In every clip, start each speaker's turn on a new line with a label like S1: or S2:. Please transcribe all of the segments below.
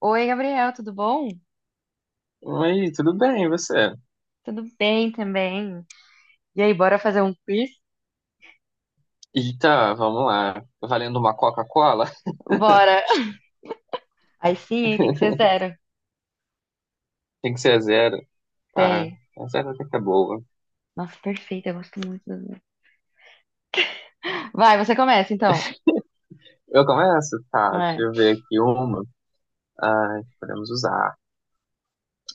S1: Oi, Gabriel, tudo bom?
S2: Oi, tudo bem, e você?
S1: Tudo bem também. E aí, bora fazer um quiz?
S2: Eita, vamos lá. Valendo uma Coca-Cola?
S1: Bora! Aí sim, hein? Tem que ser zero.
S2: Tem que ser a zero. Tá,
S1: Tem.
S2: a zero até que é boa.
S1: Nossa, perfeito, eu gosto muito do zero. Vai, você começa então.
S2: Eu começo? Tá, deixa
S1: É.
S2: eu ver aqui uma. Ai, podemos usar.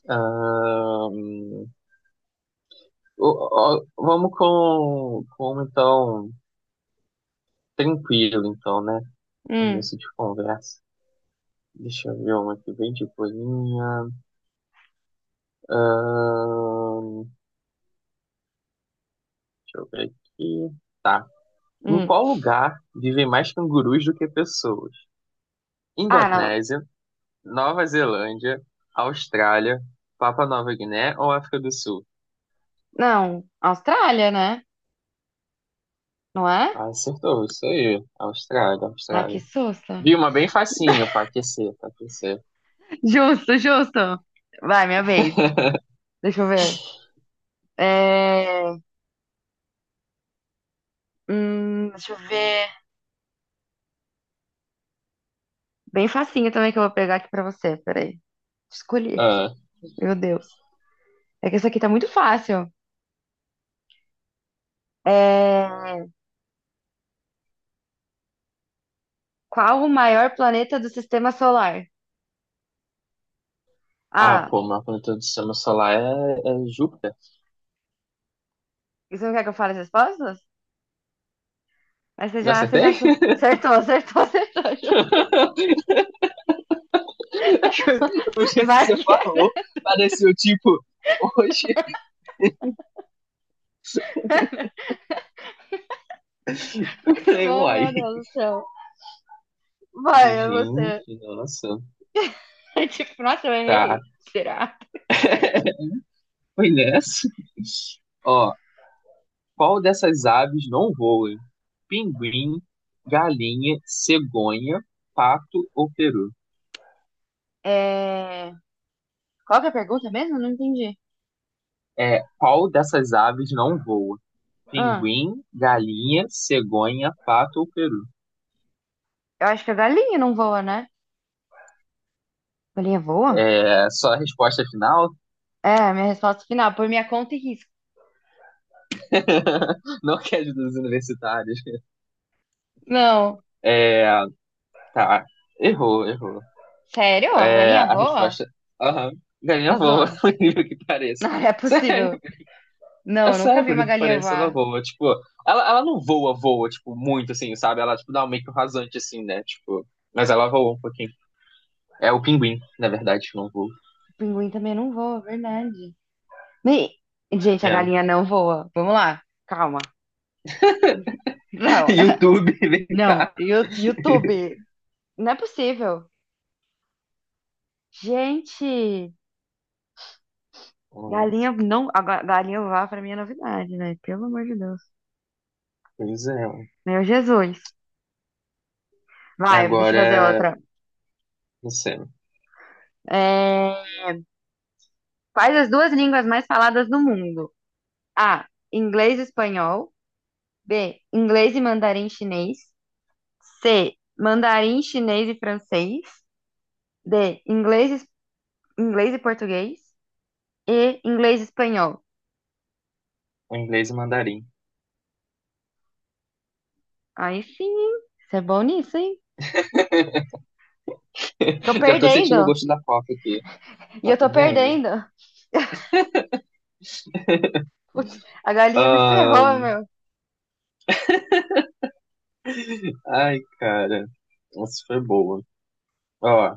S2: Ahn, vamos com uma, então, tranquilo, então, né?
S1: Hum,
S2: Começo de conversa. Deixa eu ver uma aqui bem de boinha. Ahn, deixa eu ver aqui. Tá. Em
S1: hum.
S2: qual lugar vivem mais cangurus do que pessoas?
S1: Ah, não.
S2: Indonésia, Nova Zelândia, Austrália, Papua Nova Guiné ou África do Sul?
S1: Não, Austrália, né? Não é?
S2: Ah, acertou, isso aí. Austrália,
S1: Ai, que
S2: Austrália.
S1: susto.
S2: Vi uma bem facinha pra aquecer, pra aquecer.
S1: Justo, justo. Vai, minha vez. Deixa eu ver. É... deixa eu ver. Bem facinho também que eu vou pegar aqui pra você. Peraí. Escolhi aqui.
S2: Ah,
S1: Meu Deus. É que essa aqui tá muito fácil. É, Qual o maior planeta do sistema solar?
S2: ah,
S1: Ah,
S2: pô, mas quando todo sistema solar é Júpiter.
S1: você não quer que eu fale as respostas? Mas você
S2: Não
S1: já, você já
S2: acertei?
S1: acertou, acertou, acertou. Ju.
S2: O jeito que
S1: Vai
S2: você
S1: que é
S2: falou pareceu tipo, hoje. Eu
S1: muito
S2: falei,
S1: bom,
S2: uai.
S1: meu Deus do céu.
S2: Eu
S1: Vai,
S2: falei,
S1: é você.
S2: gente, nossa.
S1: Tipo, nossa, eu
S2: Tá,
S1: errei. Será?
S2: foi nessa. Ó. Qual dessas aves não voa? Pinguim, galinha, cegonha, pato ou peru?
S1: É... Qual que é a pergunta mesmo? Não entendi.
S2: É, qual dessas aves não voa?
S1: Ah,
S2: Pinguim, galinha, cegonha, pato ou peru?
S1: eu acho que a galinha não voa, né? Galinha voa?
S2: É só a resposta final?
S1: É, a minha resposta final, por minha conta e risco.
S2: Não quer ajudar os universitários.
S1: Não.
S2: É, tá. Errou, errou.
S1: Sério? A
S2: É,
S1: galinha
S2: a
S1: voa?
S2: resposta. Aham. Galinha
S1: Tá
S2: voa,
S1: zoando.
S2: por incrível que pareça.
S1: Não, é
S2: Sério.
S1: possível.
S2: É
S1: Não, eu nunca
S2: sério,
S1: vi
S2: porque
S1: uma galinha
S2: parece ela
S1: voar.
S2: voa, tipo, ela não voa, voa, tipo, muito assim, sabe? Ela, tipo, dá um meio que um rasante, assim, né? Tipo, mas ela voa um pouquinho. É o pinguim, na verdade, que não voa.
S1: Pinguim também não voa, verdade. Me- Gente, a
S2: É.
S1: galinha não voa. Vamos lá, calma. Não,
S2: YouTube, vem
S1: não,
S2: cá.
S1: YouTube. Não é possível. Gente,
S2: É,
S1: galinha não. A galinha voar pra mim é novidade, né? Pelo amor de Deus.
S2: pois é.
S1: Meu Jesus. Vai, deixa eu fazer
S2: Agora,
S1: outra.
S2: não sei,
S1: É, Quais as duas línguas mais faladas no mundo? A. Inglês e espanhol. B. Inglês e mandarim chinês. C. Mandarim chinês e francês. D. Inglês e português e inglês e espanhol.
S2: o inglês e mandarim.
S1: Aí sim, hein? Você é bom nisso, hein? Tô
S2: Já tô sentindo o
S1: perdendo.
S2: gosto da coca aqui.
S1: E
S2: Tá
S1: eu tô
S2: perdendo?
S1: perdendo. Putz, a galinha me ferrou,
S2: Ahn,
S1: meu.
S2: ai, cara. Essa foi boa. Ó,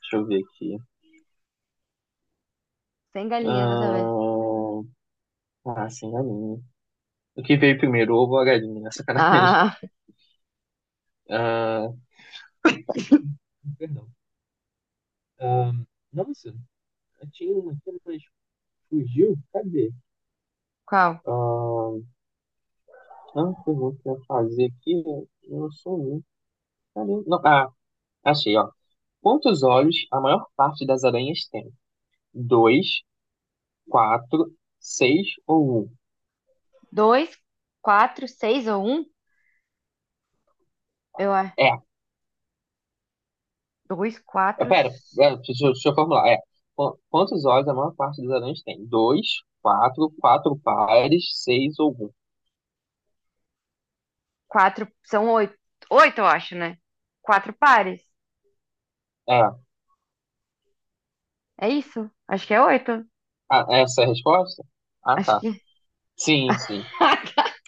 S2: deixa eu ver aqui.
S1: Sem galinha dessa vez.
S2: Ahn, sem galinha. O que veio primeiro, o ovo ou a galinha, né? Sacanagem.
S1: Ah,
S2: Ah, perdão. Ah, nossa, tinha uma aqui, mas fugiu. Cadê?
S1: qual?
S2: ah, pergunta que eu ia fazer aqui, né? Eu sou um. Caramba. Não, ah, achei, ó. Quantos olhos a maior parte das aranhas tem? Dois, quatro, seis ou um?
S1: Dois, quatro, seis ou um? Eu acho.
S2: É.
S1: Dois,
S2: Ah,
S1: quatro,
S2: pera, é, deixa, deixa eu formular. É. Quantos olhos a maior parte das aranhas tem? Dois, quatro, quatro pares, seis ou um?
S1: quatro. São oito. Oito, eu acho, né? Quatro pares.
S2: É.
S1: É isso? Acho que é oito.
S2: Ah, essa é a resposta? Ah,
S1: Acho
S2: tá.
S1: que.
S2: Sim, sim.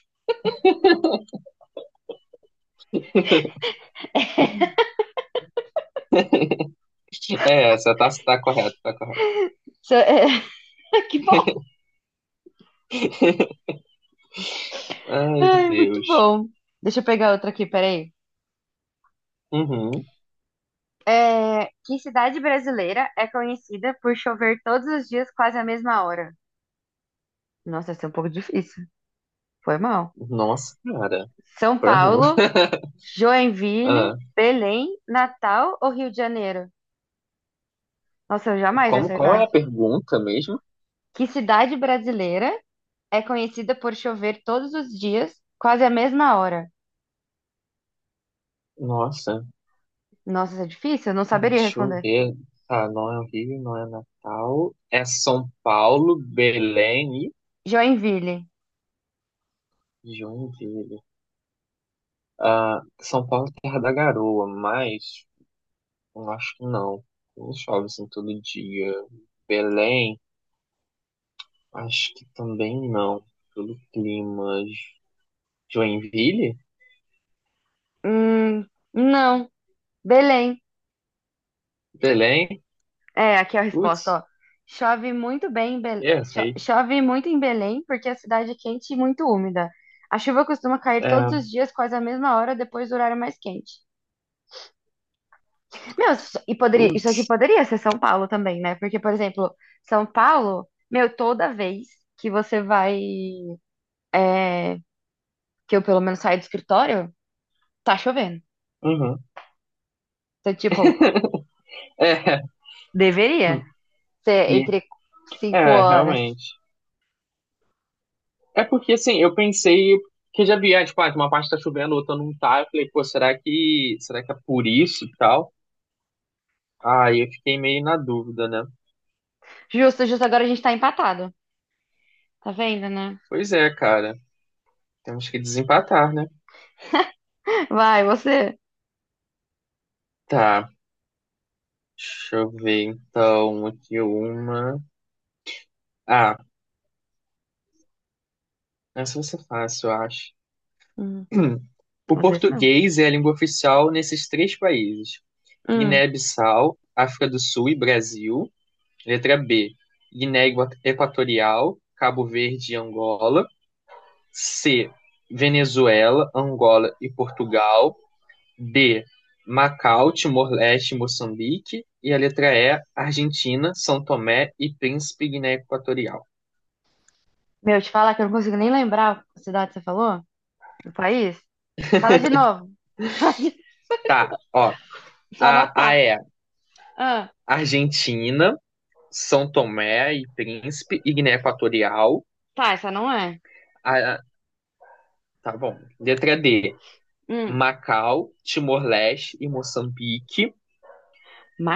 S2: É essa, tá correto, tá correto.
S1: Isso é- Que bom.
S2: Ai,
S1: Ai, muito
S2: Deus.
S1: bom. Deixa eu pegar outra aqui, peraí.
S2: Uhum.
S1: Que cidade brasileira é conhecida por chover todos os dias quase à mesma hora? Nossa, essa é um pouco difícil. Foi mal.
S2: Nossa, cara.
S1: São
S2: Pra-
S1: Paulo,
S2: Ah,
S1: Joinville, Belém, Natal ou Rio de Janeiro? Nossa, eu jamais ia
S2: como, qual é
S1: acertar.
S2: a pergunta mesmo?
S1: Que cidade brasileira é conhecida por chover todos os dias quase à mesma hora?
S2: Nossa,
S1: Nossa, isso é difícil, eu não saberia
S2: deixa eu
S1: responder.
S2: ver. Tá, não é o Rio, não é Natal. É São Paulo, Belém
S1: Joinville.
S2: e Joinville. Ah, São Paulo, é terra da garoa, mas eu acho que não. Não chove assim todo dia. Belém. Acho que também não. Pelo clima. Joinville?
S1: Hum, não. Belém.
S2: Belém?
S1: É, aqui é a resposta,
S2: Putz,
S1: ó. Chove muito bem em Belém,
S2: errei.
S1: chove muito em Belém porque a cidade é quente e muito úmida. A chuva costuma cair todos
S2: É,
S1: os dias, quase à mesma hora, depois do horário mais quente. Meu, e poderia, isso
S2: putz,
S1: aqui poderia ser São Paulo também, né? Porque, por exemplo, São Paulo, meu, toda vez que você vai, é, que eu pelo menos saio do escritório, tá chovendo.
S2: uhum.
S1: Então, tipo,
S2: É,
S1: deveria ser
S2: e-
S1: entre cinco
S2: é,
S1: horas.
S2: realmente. É porque assim, eu pensei que já via, tipo, uma parte tá chovendo, outra não tá. Eu falei, pô, será que é por isso e tal? Aí eu fiquei meio na dúvida, né?
S1: Justo, justo, agora a gente tá empatado. Tá vendo, né?
S2: Pois é, cara. Temos que desempatar, né?
S1: Vai, você.
S2: Tá. Deixa eu ver então aqui uma. Ah, essa vai ser fácil, eu acho.
S1: Hum,
S2: O
S1: às vezes não.
S2: português é a língua oficial nesses três países:
S1: Hum.
S2: Guiné-Bissau, África do Sul e Brasil. Letra B: Guiné Equatorial, Cabo Verde e Angola. C: Venezuela, Angola e Portugal. D: Macau, Timor-Leste e Moçambique. E a letra E: Argentina, São Tomé e Príncipe, Guiné Equatorial.
S1: Meu, te falar que eu não consigo nem lembrar a cidade que você falou? O país? Fala de novo. Fala de-
S2: Tá, ó.
S1: Só
S2: A
S1: anotar.
S2: é
S1: Ah,
S2: Argentina, São Tomé e Príncipe e Guiné Equatorial.
S1: tá, essa não é.
S2: Ah, ah, tá bom. Letra D,
S1: Hum.
S2: Macau, Timor-Leste e Moçambique.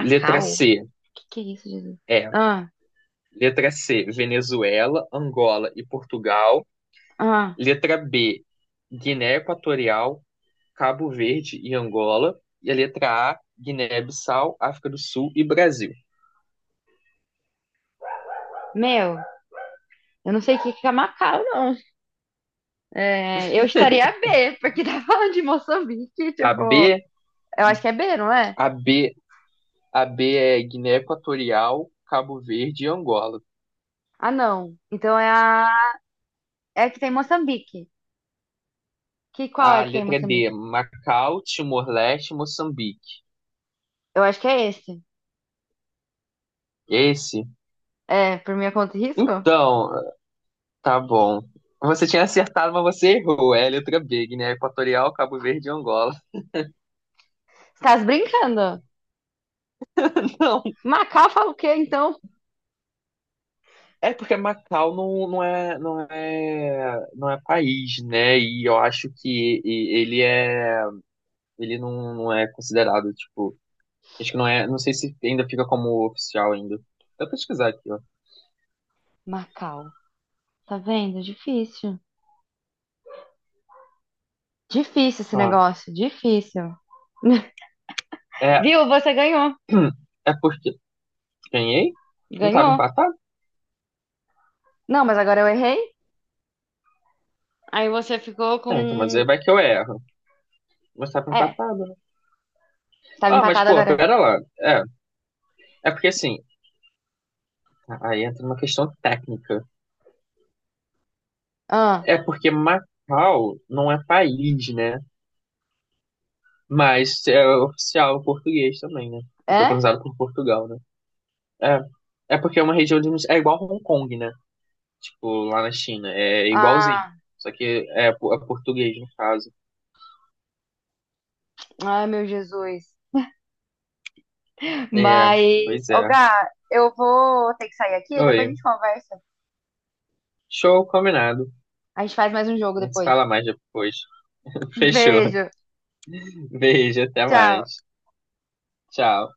S2: Letra C,
S1: Que é isso, Jesus?
S2: é.
S1: Ah,
S2: Letra C, Venezuela, Angola e Portugal.
S1: ah.
S2: Letra B, Guiné Equatorial, Cabo Verde e Angola. E a letra A, Guiné-Bissau, África do Sul e Brasil.
S1: Meu, eu não sei o que que é Macau, não. É, eu estaria B, porque tá falando de Moçambique,
S2: A
S1: tipo.
S2: B,
S1: Eu acho que é B, não é?
S2: a B, a B é Guiné Equatorial, Cabo Verde e Angola.
S1: Ah, não. Então é a. É a que tem Moçambique. Qual é
S2: A
S1: que tem
S2: letra D,
S1: Moçambique?
S2: Macau, Timor-Leste, e Moçambique.
S1: Eu acho que é esse.
S2: Esse?
S1: É, por minha conta e risco?
S2: Então, tá bom. Você tinha acertado, mas você errou. É a letra B, Guiné Equatorial, Cabo Verde e Angola.
S1: Tá brincando?
S2: Não,
S1: Macau fala o quê, então?
S2: é porque Macau não é país, né? E eu acho que ele não é considerado, tipo, acho que não é, não sei se ainda fica como oficial ainda. Vou pesquisar aqui, ó.
S1: Macau. Tá vendo? Difícil. Difícil esse
S2: Ó,
S1: negócio. Difícil.
S2: é,
S1: Viu? Você ganhou.
S2: é porque ganhei? Não tava
S1: Ganhou.
S2: empatado?
S1: Não, mas agora eu errei. Aí você ficou com.
S2: É, então, mas aí
S1: um-
S2: vai que eu erro. Mas tava
S1: É,
S2: empatado, né?
S1: estava
S2: Ah, mas,
S1: empatado
S2: pô,
S1: agora.
S2: pera lá. É, é porque assim, aí entra uma questão técnica.
S1: Ah,
S2: É porque Macau não é país, né? Mas é oficial português também, né? Foi
S1: é?
S2: colonizado por Portugal, né? É porque é uma região de. É igual Hong Kong, né? Tipo, lá na China. É igualzinho.
S1: Ah,
S2: Só que é português, no caso.
S1: ai meu Jesus.
S2: É,
S1: Mas,
S2: pois
S1: ô
S2: é.
S1: Gá, eu vou ter que sair aqui e depois a
S2: Oi.
S1: gente conversa.
S2: Show combinado.
S1: A gente faz mais um jogo
S2: A gente se
S1: depois.
S2: fala mais depois. Fechou.
S1: Beijo.
S2: Beijo, até
S1: Tchau.
S2: mais. Tchau.